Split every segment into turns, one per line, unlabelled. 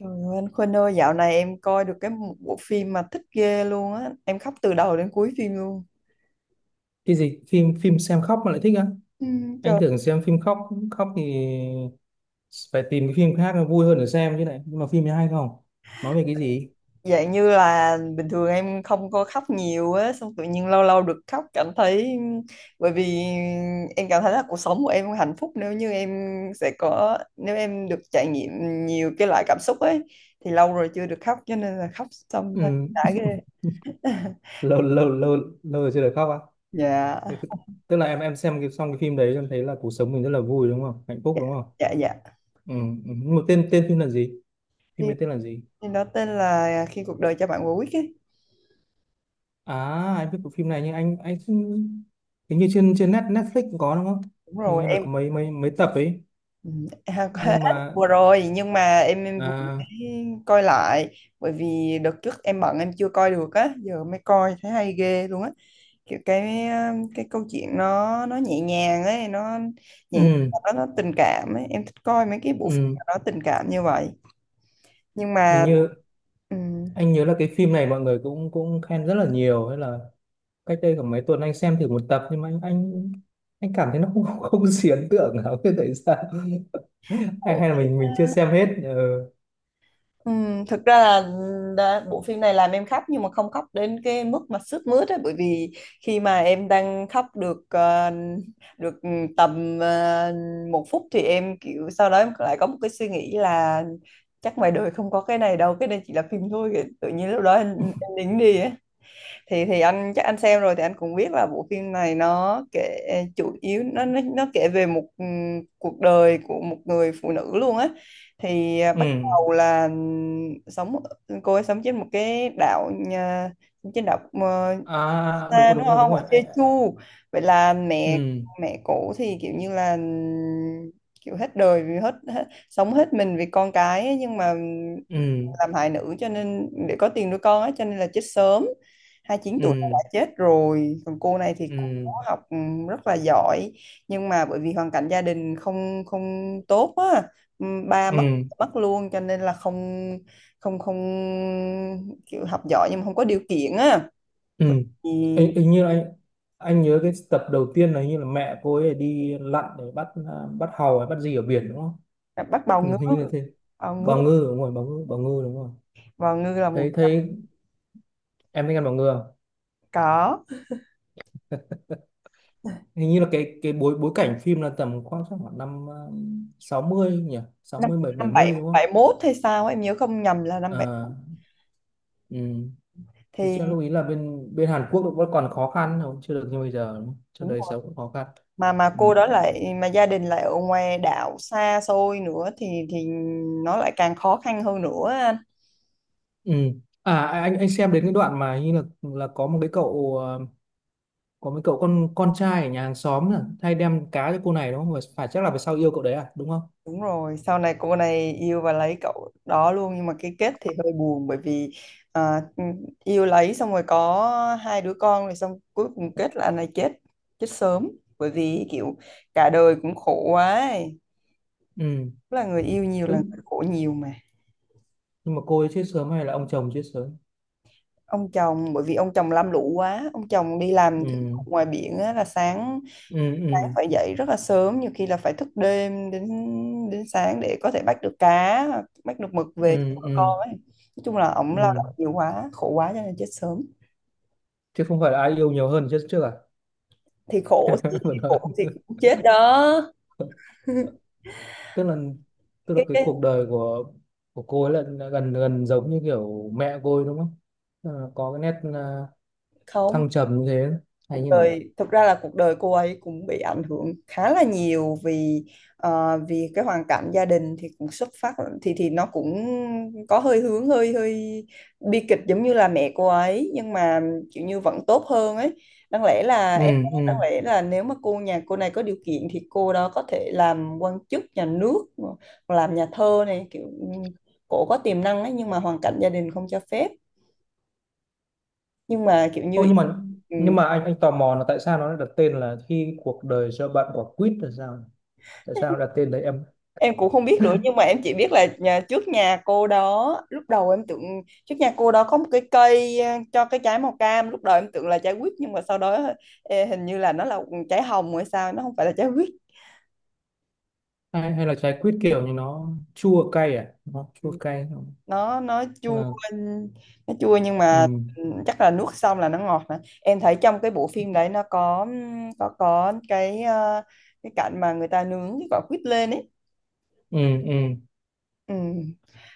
Trời ơi, anh Khuynh ơi, dạo này em coi được cái một bộ phim mà thích ghê luôn á. Em khóc từ đầu đến cuối phim luôn.
Cái gì? Phim phim xem khóc mà lại thích á?
Ừ,
Anh
trời,
tưởng xem phim khóc, khóc thì phải tìm cái phim khác nó vui hơn để xem chứ. Này, nhưng mà phim này hay không? Nói về cái gì?
dạng như là bình thường em không có khóc nhiều á, xong tự nhiên lâu lâu được khóc cảm thấy. Bởi vì em cảm thấy là cuộc sống của em không hạnh phúc nếu như em sẽ có. Nếu em được trải nghiệm nhiều cái loại cảm xúc ấy, thì lâu rồi chưa được khóc, cho nên là khóc xong
Ừ.
thấy đã ghê.
Lâu lâu rồi chưa được khóc á?
Dạ,
Thế tức là em xem cái, xong cái phim đấy em thấy là cuộc sống mình rất là vui đúng không, hạnh phúc
dạ,
đúng không?
dạ, dạ.
Ừ. Ừ. Nhưng mà tên tên phim là gì? Phim
Phim,
đấy tên là gì?
phim đó tên là Khi cuộc đời cho bạn quả quýt ấy.
À, anh biết bộ phim này nhưng anh không- hình như trên trên Netflix cũng có đúng không?
Đúng
Hình
rồi,
như là
em,
có mấy mấy mấy tập ấy.
ừ, à, có hết
Nhưng mà,
vừa rồi. Nhưng mà em vừa
à,
mới coi lại, bởi vì đợt trước em bận em chưa coi được á, giờ mới coi thấy hay ghê luôn á. Kiểu cái cái câu chuyện nó nhẹ nhàng ấy, nó nhẹ nhàng,
ừ.
nó tình cảm ấy, em thích coi mấy cái bộ phim
Ừ,
mà nó tình cảm như vậy nhưng
hình
mà
như anh nhớ là cái phim này mọi người cũng cũng khen rất là nhiều, hay là cách đây khoảng mấy tuần anh xem thử một tập nhưng mà anh cảm thấy nó không không, không gì ấn tượng lắm. Thế tại sao? Hay hay là
ừ,
mình chưa xem hết? Ừ.
Thực ra là đã, bộ phim này làm em khóc nhưng mà không khóc đến cái mức mà sướt mướt ấy, bởi vì khi mà em đang khóc được tầm 1 phút thì em kiểu sau đó em lại có một cái suy nghĩ là chắc ngoài đời không có cái này đâu, cái này chỉ là phim thôi. Tự nhiên lúc đó em nín đi. Thì anh chắc anh xem rồi thì anh cũng biết là bộ phim này nó kể, chủ yếu nó kể về một cuộc đời của một người phụ nữ luôn á. Thì à, bắt
Ừ.
đầu là sống, cô ấy sống trên một cái đảo trên đảo
À, đúng
xa
rồi,
đúng
đúng rồi, đúng
không, ở
rồi anh.
Jeju. Vậy là mẹ
Ừ.
mẹ cổ thì kiểu như là kiểu hết đời vì hết sống hết mình vì con cái ấy, nhưng mà ừ,
Ừ.
làm hại nữ cho nên để có tiền nuôi con á, cho nên là chết sớm. 29 tuổi đã
Ừ.
chết rồi. Còn cô này thì cô có
Ừ.
học, ừ, rất là giỏi, nhưng mà bởi vì hoàn cảnh gia đình không không tốt á. Ừ, ba mất
Ừ.
mất luôn cho nên là không không không kiểu học giỏi nhưng mà không có điều kiện á.
Ừ.
Thì
Ê, hình như là anh nhớ cái tập đầu tiên là hình như là mẹ cô ấy đi lặn để bắt, bắt hàu hay bắt gì ở biển đúng không?
bắt bào
Ừ,
ngư,
hình như là thế.
bào ngư,
Bào ngư, đúng rồi, bào ngư, bào ngư, đúng rồi.
bào ngư là một
Thấy
trăm
thấy, em thấy ăn bằng ngừa.
Có,
Hình như là cái bối bối cảnh phim là tầm khoảng chắc khoảng năm 60 nhỉ? Sáu
năm,
mươi bảy, bảy
năm
mươi
bảy
đúng không?
bảy mốt hay sao á, em nhớ không nhầm là năm bảy
À,
mốt.
ừ. Thì chắc
Thì
lưu ý là bên bên Hàn Quốc vẫn còn khó khăn, không, chưa được như bây giờ đúng không? Cho đời sống cũng khó khăn.
mà
Ừ.
cô đó lại, mà gia đình lại ở ngoài đảo xa xôi nữa, thì nó lại càng khó khăn hơn nữa anh.
Ừ. À à, anh xem đến cái đoạn mà hình như là có một cái cậu, có mấy cậu con trai ở nhà hàng xóm là hay đem cá cho cô này đúng không? Và phải chắc là về sau yêu cậu đấy à, đúng không?
Đúng rồi, sau này cô này yêu và lấy cậu đó luôn, nhưng mà cái kết thì hơi buồn bởi vì à, yêu lấy xong rồi có hai đứa con rồi, xong cuối cùng kết là anh này chết, chết sớm, bởi vì kiểu cả đời cũng khổ quá ấy.
Ừ.
Tức là người yêu nhiều là
Ừ.
người khổ nhiều mà.
Nhưng mà cô ấy chết sớm hay là ông chồng chết sớm?
Ông chồng, bởi vì ông chồng lam lũ quá, ông chồng đi làm thử
Ừ.
ngoài biển á, là sáng
Ừ.
sáng
Ừ.
phải dậy rất là sớm, nhiều khi là phải thức đêm đến đến sáng để có thể bắt được cá, bắt được mực về cho
Ừ.
vợ
Ừ.
con ấy. Nói chung là ổng lao
Ừ.
động nhiều quá, khổ quá cho nên chết sớm.
Chứ không phải là ai yêu nhiều hơn trước trước à?
Thì khổ thì,
Vẫn hơn.
khổ thì cũng chết đó.
Tức là tức là
cái,
cái
cái
cuộc đời của cô ấy là gần gần giống như kiểu mẹ cô ấy đúng không? Ờ, có cái nét,
không,
thăng trầm như thế hay
cuộc
như nào?
đời, thực ra là cuộc đời cô ấy cũng bị ảnh hưởng khá là nhiều, vì vì cái hoàn cảnh gia đình thì cũng xuất phát, thì nó cũng có hơi hướng hơi hơi bi kịch giống như là mẹ cô ấy, nhưng mà kiểu như vẫn tốt hơn ấy.
Ừ. Ừ.
Đáng lẽ là nếu mà cô, nhà cô này có điều kiện thì cô đó có thể làm quan chức nhà nước, làm nhà thơ này, kiểu cổ có tiềm năng ấy, nhưng mà hoàn cảnh gia đình không cho phép. Nhưng mà kiểu như
Ô, nhưng mà
ừ,
nhưng mà anh tò mò là tại sao nó lại đặt tên là Khi Cuộc Đời Cho Bạn Quả Quýt là sao? Tại sao đặt tên đấy em?
em cũng không biết nữa, nhưng mà em chỉ biết là trước nhà cô đó, lúc đầu em tưởng, trước nhà cô đó có một cái cây cho cái trái màu cam, lúc đầu em tưởng là trái quýt, nhưng mà sau đó hình như là nó là trái hồng hay sao, nó không phải là trái quýt.
Hay, hay là trái quýt kiểu như nó chua cay à, nó chua
Ừ,
cay không?
nó
Tức
chua.
là,
Nó chua nhưng
ừ,
mà chắc là nuốt xong là nó ngọt nè. Em thấy trong cái bộ phim đấy nó có cái cái cảnh mà người ta nướng cái quả quýt lên ấy.
ừ, ừ.
Ừ.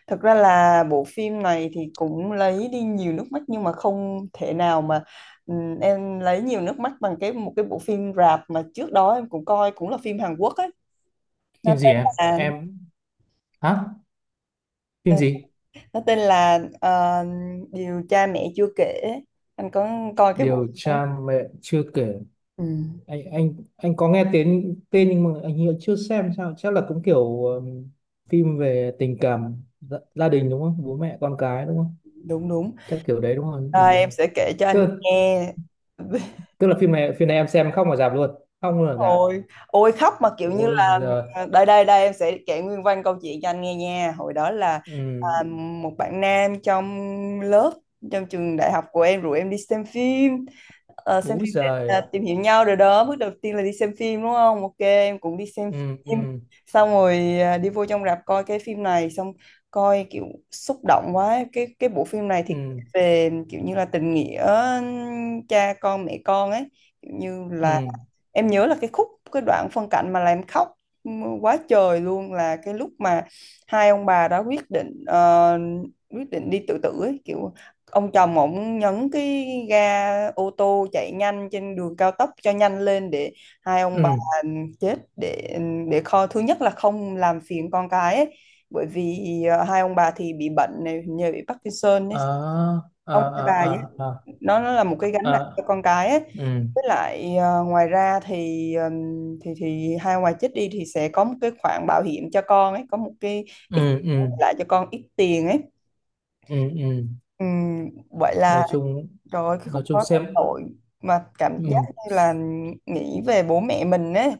Thật ra là bộ phim này thì cũng lấy đi nhiều nước mắt, nhưng mà không thể nào mà em lấy nhiều nước mắt bằng cái một cái bộ phim rạp mà trước đó em cũng coi, cũng là phim Hàn Quốc ấy. Nó
Phim gì
tên
em?
là
Em? Hả? Phim
ờ,
gì?
nó tên là ờ, Điều cha mẹ chưa kể. Anh có coi cái
Điều
bộ phim đó.
tra mẹ chưa kể.
Ừ,
Anh có nghe tên, tên nhưng mà anh hiện chưa xem sao. Chắc là cũng kiểu phim về tình cảm gia, gia đình đúng không? Bố mẹ con cái đúng không?
đúng đúng.
Chắc kiểu đấy đúng không? Ừ.
À, em sẽ kể cho anh
Tức
nghe.
tức là phim này, phim này em xem không ở rạp luôn. Không luôn ở rạp.
Ôi, ôi khóc mà kiểu như
Ôi
là
giời.
đây đây đây, em sẽ kể nguyên văn câu chuyện cho anh nghe nha. Hồi đó là
Ừ.
một bạn nam trong lớp, trong trường đại học của em rủ em đi xem phim. Ờ, xem
Úi
phim để
giời.
tìm hiểu nhau rồi đó, bước đầu tiên là đi xem phim đúng không. Ok, em cũng đi xem
Ừ.
phim,
Ừ.
xong rồi đi vô trong rạp coi cái phim này, xong coi kiểu xúc động quá. Cái bộ phim này thì
Ừ.
về kiểu như là tình nghĩa cha con mẹ con ấy, kiểu như là
Ừ.
em nhớ là cái khúc, cái đoạn phân cảnh mà làm em khóc quá trời luôn là cái lúc mà hai ông bà đã quyết định quyết định đi tự tử ấy, kiểu ông chồng, ổng nhấn cái ga ô tô chạy nhanh trên đường cao tốc cho nhanh lên để hai ông bà,
Ừ.
ừ, chết, để kho thứ nhất là không làm phiền con cái ấy. Bởi vì hai ông bà thì bị bệnh này, hình như bị Parkinson ấy,
À, à,
ông hay
à,
bà
à,
vậy,
à.
nó là một cái gánh nặng cho
À.
con cái ấy.
Ừ.
Với lại ngoài ra thì thì hai ngoài chết đi thì sẽ có một cái khoản bảo hiểm cho con ấy, có một cái ít,
Ừ. Ừ.
lại cho con ít tiền ấy.
Ừ. Ừ.
Vậy là
Nói chung,
trời ơi, cái khúc
nói chung
đó cái
xem,
tội, mà cảm giác
ừ,
như là nghĩ về bố mẹ mình ấy,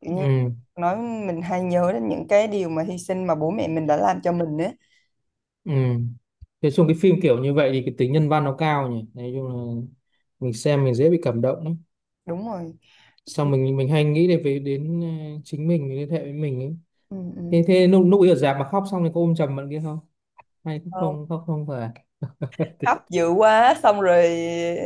kiểu như
ừ,
nói mình hay nhớ đến những cái điều mà hy sinh mà bố mẹ mình đã làm cho mình ấy.
ừ. Nói chung cái phim kiểu như vậy thì cái tính nhân văn nó cao nhỉ, nói chung là mình xem mình dễ bị cảm động lắm,
Đúng rồi,
xong mình hay nghĩ đến về đến, chính mình liên hệ với mình ấy.
ừ,
Thế thế lúc lúc ấy ở rạp mà khóc xong thì có ôm chầm bạn kia không? Hay cũng
ừ.
không, khóc không phải?
Khóc dữ quá xong rồi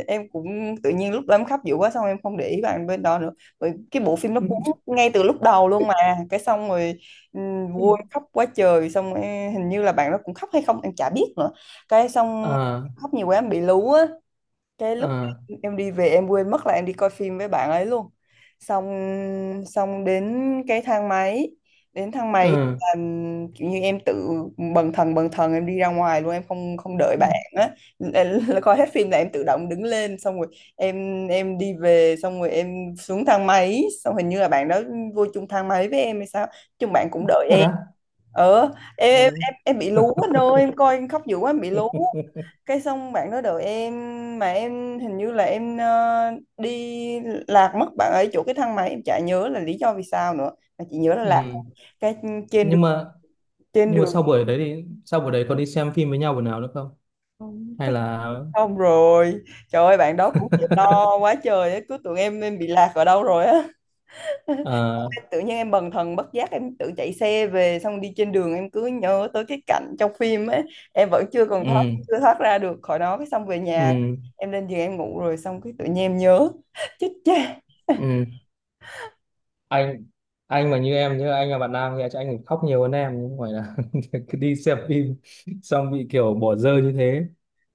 em cũng, tự nhiên lúc đó em khóc dữ quá xong em không để ý bạn bên đó nữa, rồi cái bộ phim nó cuốn ngay từ lúc đầu luôn mà. Cái xong rồi vui khóc quá trời xong em, hình như là bạn đó cũng khóc hay không em chả biết nữa. Cái xong
Ờ.
khóc nhiều quá em bị lú á. Cái lúc
Ờ.
em đi về em quên mất là em đi coi phim với bạn ấy luôn. Xong xong đến cái thang máy, đến thang máy
Ờ.
là kiểu như em tự bần thần bần thần, em đi ra ngoài luôn, em không không đợi bạn á. Là coi hết phim là em tự động đứng lên, xong rồi em đi về, xong rồi em xuống thang máy, xong hình như là bạn đó vô chung thang máy với em hay sao, chung bạn cũng đợi
Thật
em.
á?
Ờ, em em
Ừ.
em, em bị lú anh ơi, em coi em khóc dữ quá em bị lú. Cái xong bạn đó đợi em, mà em hình như là em đi lạc mất bạn ấy chỗ cái thang máy, em chả nhớ là lý do vì sao nữa, mà chỉ nhớ là lạc.
Ừ.
Cái trên đường
nhưng mà
trên
nhưng mà
đường
sau buổi đấy, thì sau buổi đấy có đi xem phim với nhau buổi nào nữa không? Hay
phát,
là
xong rồi trời ơi bạn đó cũng chịu lo quá trời á, cứ tưởng em bị lạc ở đâu rồi á.
ờ,
Tự nhiên em bần thần bất giác em tự chạy xe về, xong đi trên đường em cứ nhớ tới cái cảnh trong phim ấy, em vẫn chưa còn thoát,
ừ,
chưa thoát ra được khỏi nó. Cái xong về nhà
ừ,
em lên giường em ngủ rồi, xong cái tự nhiên em nhớ. Chết cha,
ừ. Anh anh mà như em nhớ, anh là bạn nam thì chắc anh phải khóc nhiều hơn em chứ, không phải là cứ đi xem phim xong bị kiểu bỏ rơi như thế,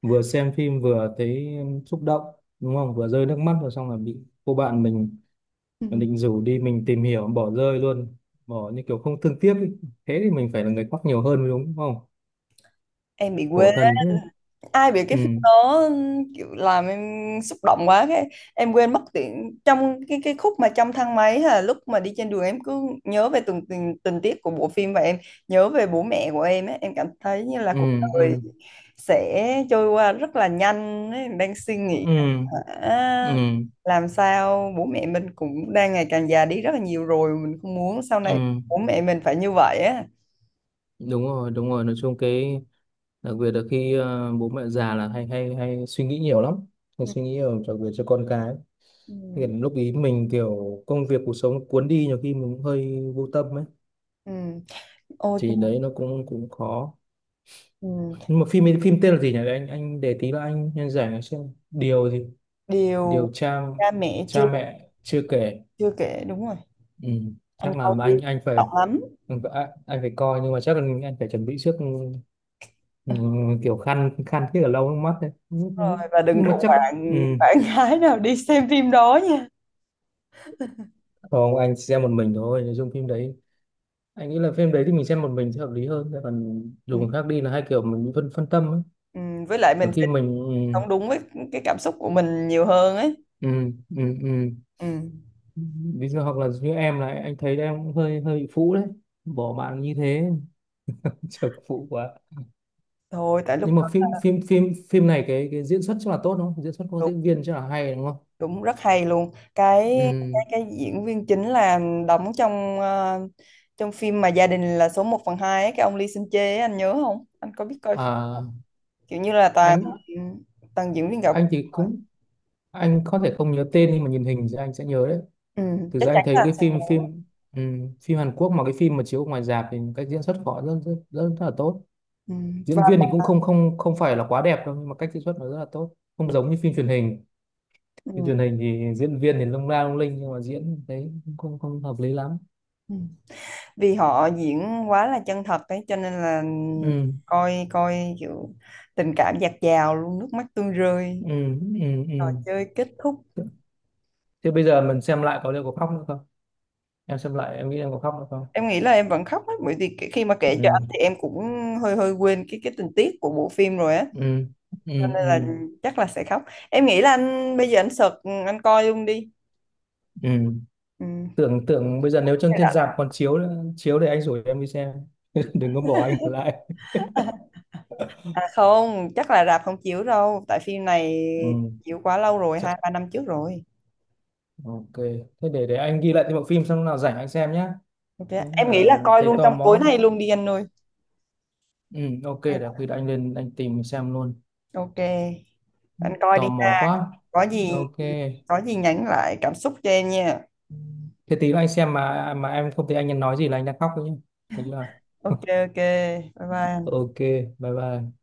vừa xem phim vừa thấy xúc động đúng không, vừa rơi nước mắt rồi xong là bị cô bạn mình định rủ đi mình tìm hiểu bỏ rơi luôn, bỏ như kiểu không thương tiếc ấy. Thế thì mình phải là người khóc nhiều hơn mới đúng, đúng không?
em bị quê,
Khổ thân thế.
ai biết cái phim
Ừ.
đó kiểu làm em xúc động quá. Cái em quên mất tiền trong cái khúc mà trong thang máy hay là lúc mà đi trên đường, em cứ nhớ về từng tình tiết của bộ phim, và em nhớ về bố mẹ của em ấy. Em cảm thấy như là
Ừ.
cuộc đời
Ừ.
sẽ trôi qua rất là nhanh ấy. Em đang suy nghĩ
Ừ. Ừ.
à,
Ừ.
làm sao bố mẹ mình cũng đang ngày càng già đi rất là nhiều rồi, mình không muốn sau này
Ừ.
bố mẹ mình phải như vậy á.
Đúng rồi, đúng rồi, nói chung cái, đặc biệt là khi, bố mẹ già là hay hay hay suy nghĩ nhiều lắm, hay suy nghĩ nhiều, đặc biệt cho con cái.
Ừ.
Hiện lúc ý mình kiểu công việc cuộc sống cuốn đi nhiều khi mình cũng hơi vô tâm ấy,
Ừ. Ôi,
thì đấy nó cũng cũng khó.
ừ,
Nhưng mà phim ấy, phim tên là gì nhỉ? Để anh để tí là anh nhân giải nó xem. Điều gì? Điều
điều
cha,
cha mẹ
cha
chưa
mẹ chưa kể.
chưa kể, đúng rồi,
Ừ.
anh
Chắc là
coi
mà
đi,
anh phải,
động lắm
anh phải coi nhưng mà chắc là anh phải chuẩn bị trước, ừ, ừ, kiểu khăn khăn thiết ở lâu nước mắt đấy.
rồi, và đừng
Nhưng mà
rủ
chắc, ừ.
bạn bạn gái nào đi xem phim đó nha.
Không, anh chỉ xem một mình thôi nội dung phim đấy. Anh nghĩ là phim đấy thì mình xem một mình sẽ hợp lý hơn, còn
Ừ,
dù người khác đi là hai kiểu mình bị phân phân tâm ấy.
ừ, với lại mình
Nhiều
sẽ
khi
sống
mình,
đúng với cái cảm xúc của mình nhiều hơn ấy.
ừ, ừ, ừ, ừ.
Ừ.
Ví dụ hoặc là như em là anh thấy em cũng hơi hơi bị phũ đấy, bỏ bạn như thế trở phụ quá.
Thôi tại lúc
Nhưng mà
đó,
phim phim phim phim này cái diễn xuất chắc là tốt đúng không, diễn xuất của
đúng,
diễn viên chắc là hay đúng không?
đúng rất hay luôn.
Ừ.
Cái cái diễn viên chính là đóng trong trong phim mà Gia đình là số 1 phần 2 ấy, cái ông Lee Seung Jae ấy, anh nhớ không, anh có biết coi phim đó
À,
không? Kiểu như là toàn
anh
toàn diễn viên gạo.
thì cũng có thể không nhớ tên nhưng mà nhìn hình thì anh sẽ nhớ đấy.
Ừ,
Thực
chắc
ra anh
chắn
thấy
là
cái
sẽ
phim
nhớ.
phim phim Hàn Quốc mà cái phim mà chiếu ngoài rạp thì cách diễn xuất của họ rất, rất là tốt.
Ừ, và
Diễn viên thì cũng không không không phải là quá đẹp đâu nhưng mà cách diễn xuất nó rất là tốt, không giống như phim truyền hình. Phim
ừ,
truyền hình thì diễn viên thì lung la lung linh nhưng mà diễn thấy cũng không không hợp lý lắm.
ừ. Vì họ diễn quá là chân thật ấy, cho nên là
Ừ.
coi coi kiểu tình cảm dạt dào luôn, nước mắt tuôn rơi,
Ừ. Ừ. Ừ.
trò chơi kết thúc.
Thế bây giờ mình xem lại có liệu có khóc nữa không? Em xem lại em nghĩ em có khóc nữa không?
Em nghĩ là em vẫn khóc ấy, bởi vì khi mà kể cho anh thì
Ừ.
em cũng hơi hơi quên cái tình tiết của bộ phim rồi á,
Ừ. Ừ.
cho nên là
Ừ.
chắc là sẽ khóc. Em nghĩ là anh bây giờ anh search, anh coi luôn đi.
Ừ.
Ừ.
tưởng tưởng bây giờ nếu trên trên rạp còn chiếu nữa, chiếu thì anh rủ em đi xem. Đừng có bỏ anh ở lại.
À không, chắc là rạp không chiếu đâu tại phim này
Ừ.
chiếu quá lâu rồi,
Chắc,
hai ba năm trước rồi.
ok. Thế để anh ghi lại cái bộ phim, xong lúc nào rảnh anh xem nhé.
Ok,
Đúng
em nghĩ
là
là coi
thấy
luôn
tò
trong tối
mò.
nay luôn đi anh ơi.
Ừ, ok, để khi đó anh lên anh tìm xem luôn.
Ok, anh coi
Tò
đi
mò
ha.
quá.
Có gì,
Ok.
có gì nhắn lại cảm xúc cho em nha.
Thế tí nữa anh xem mà em không thấy anh nói gì là anh đang khóc đấy nhé, được chưa?
Ok, ok. Bye bye.
Ok, bye bye.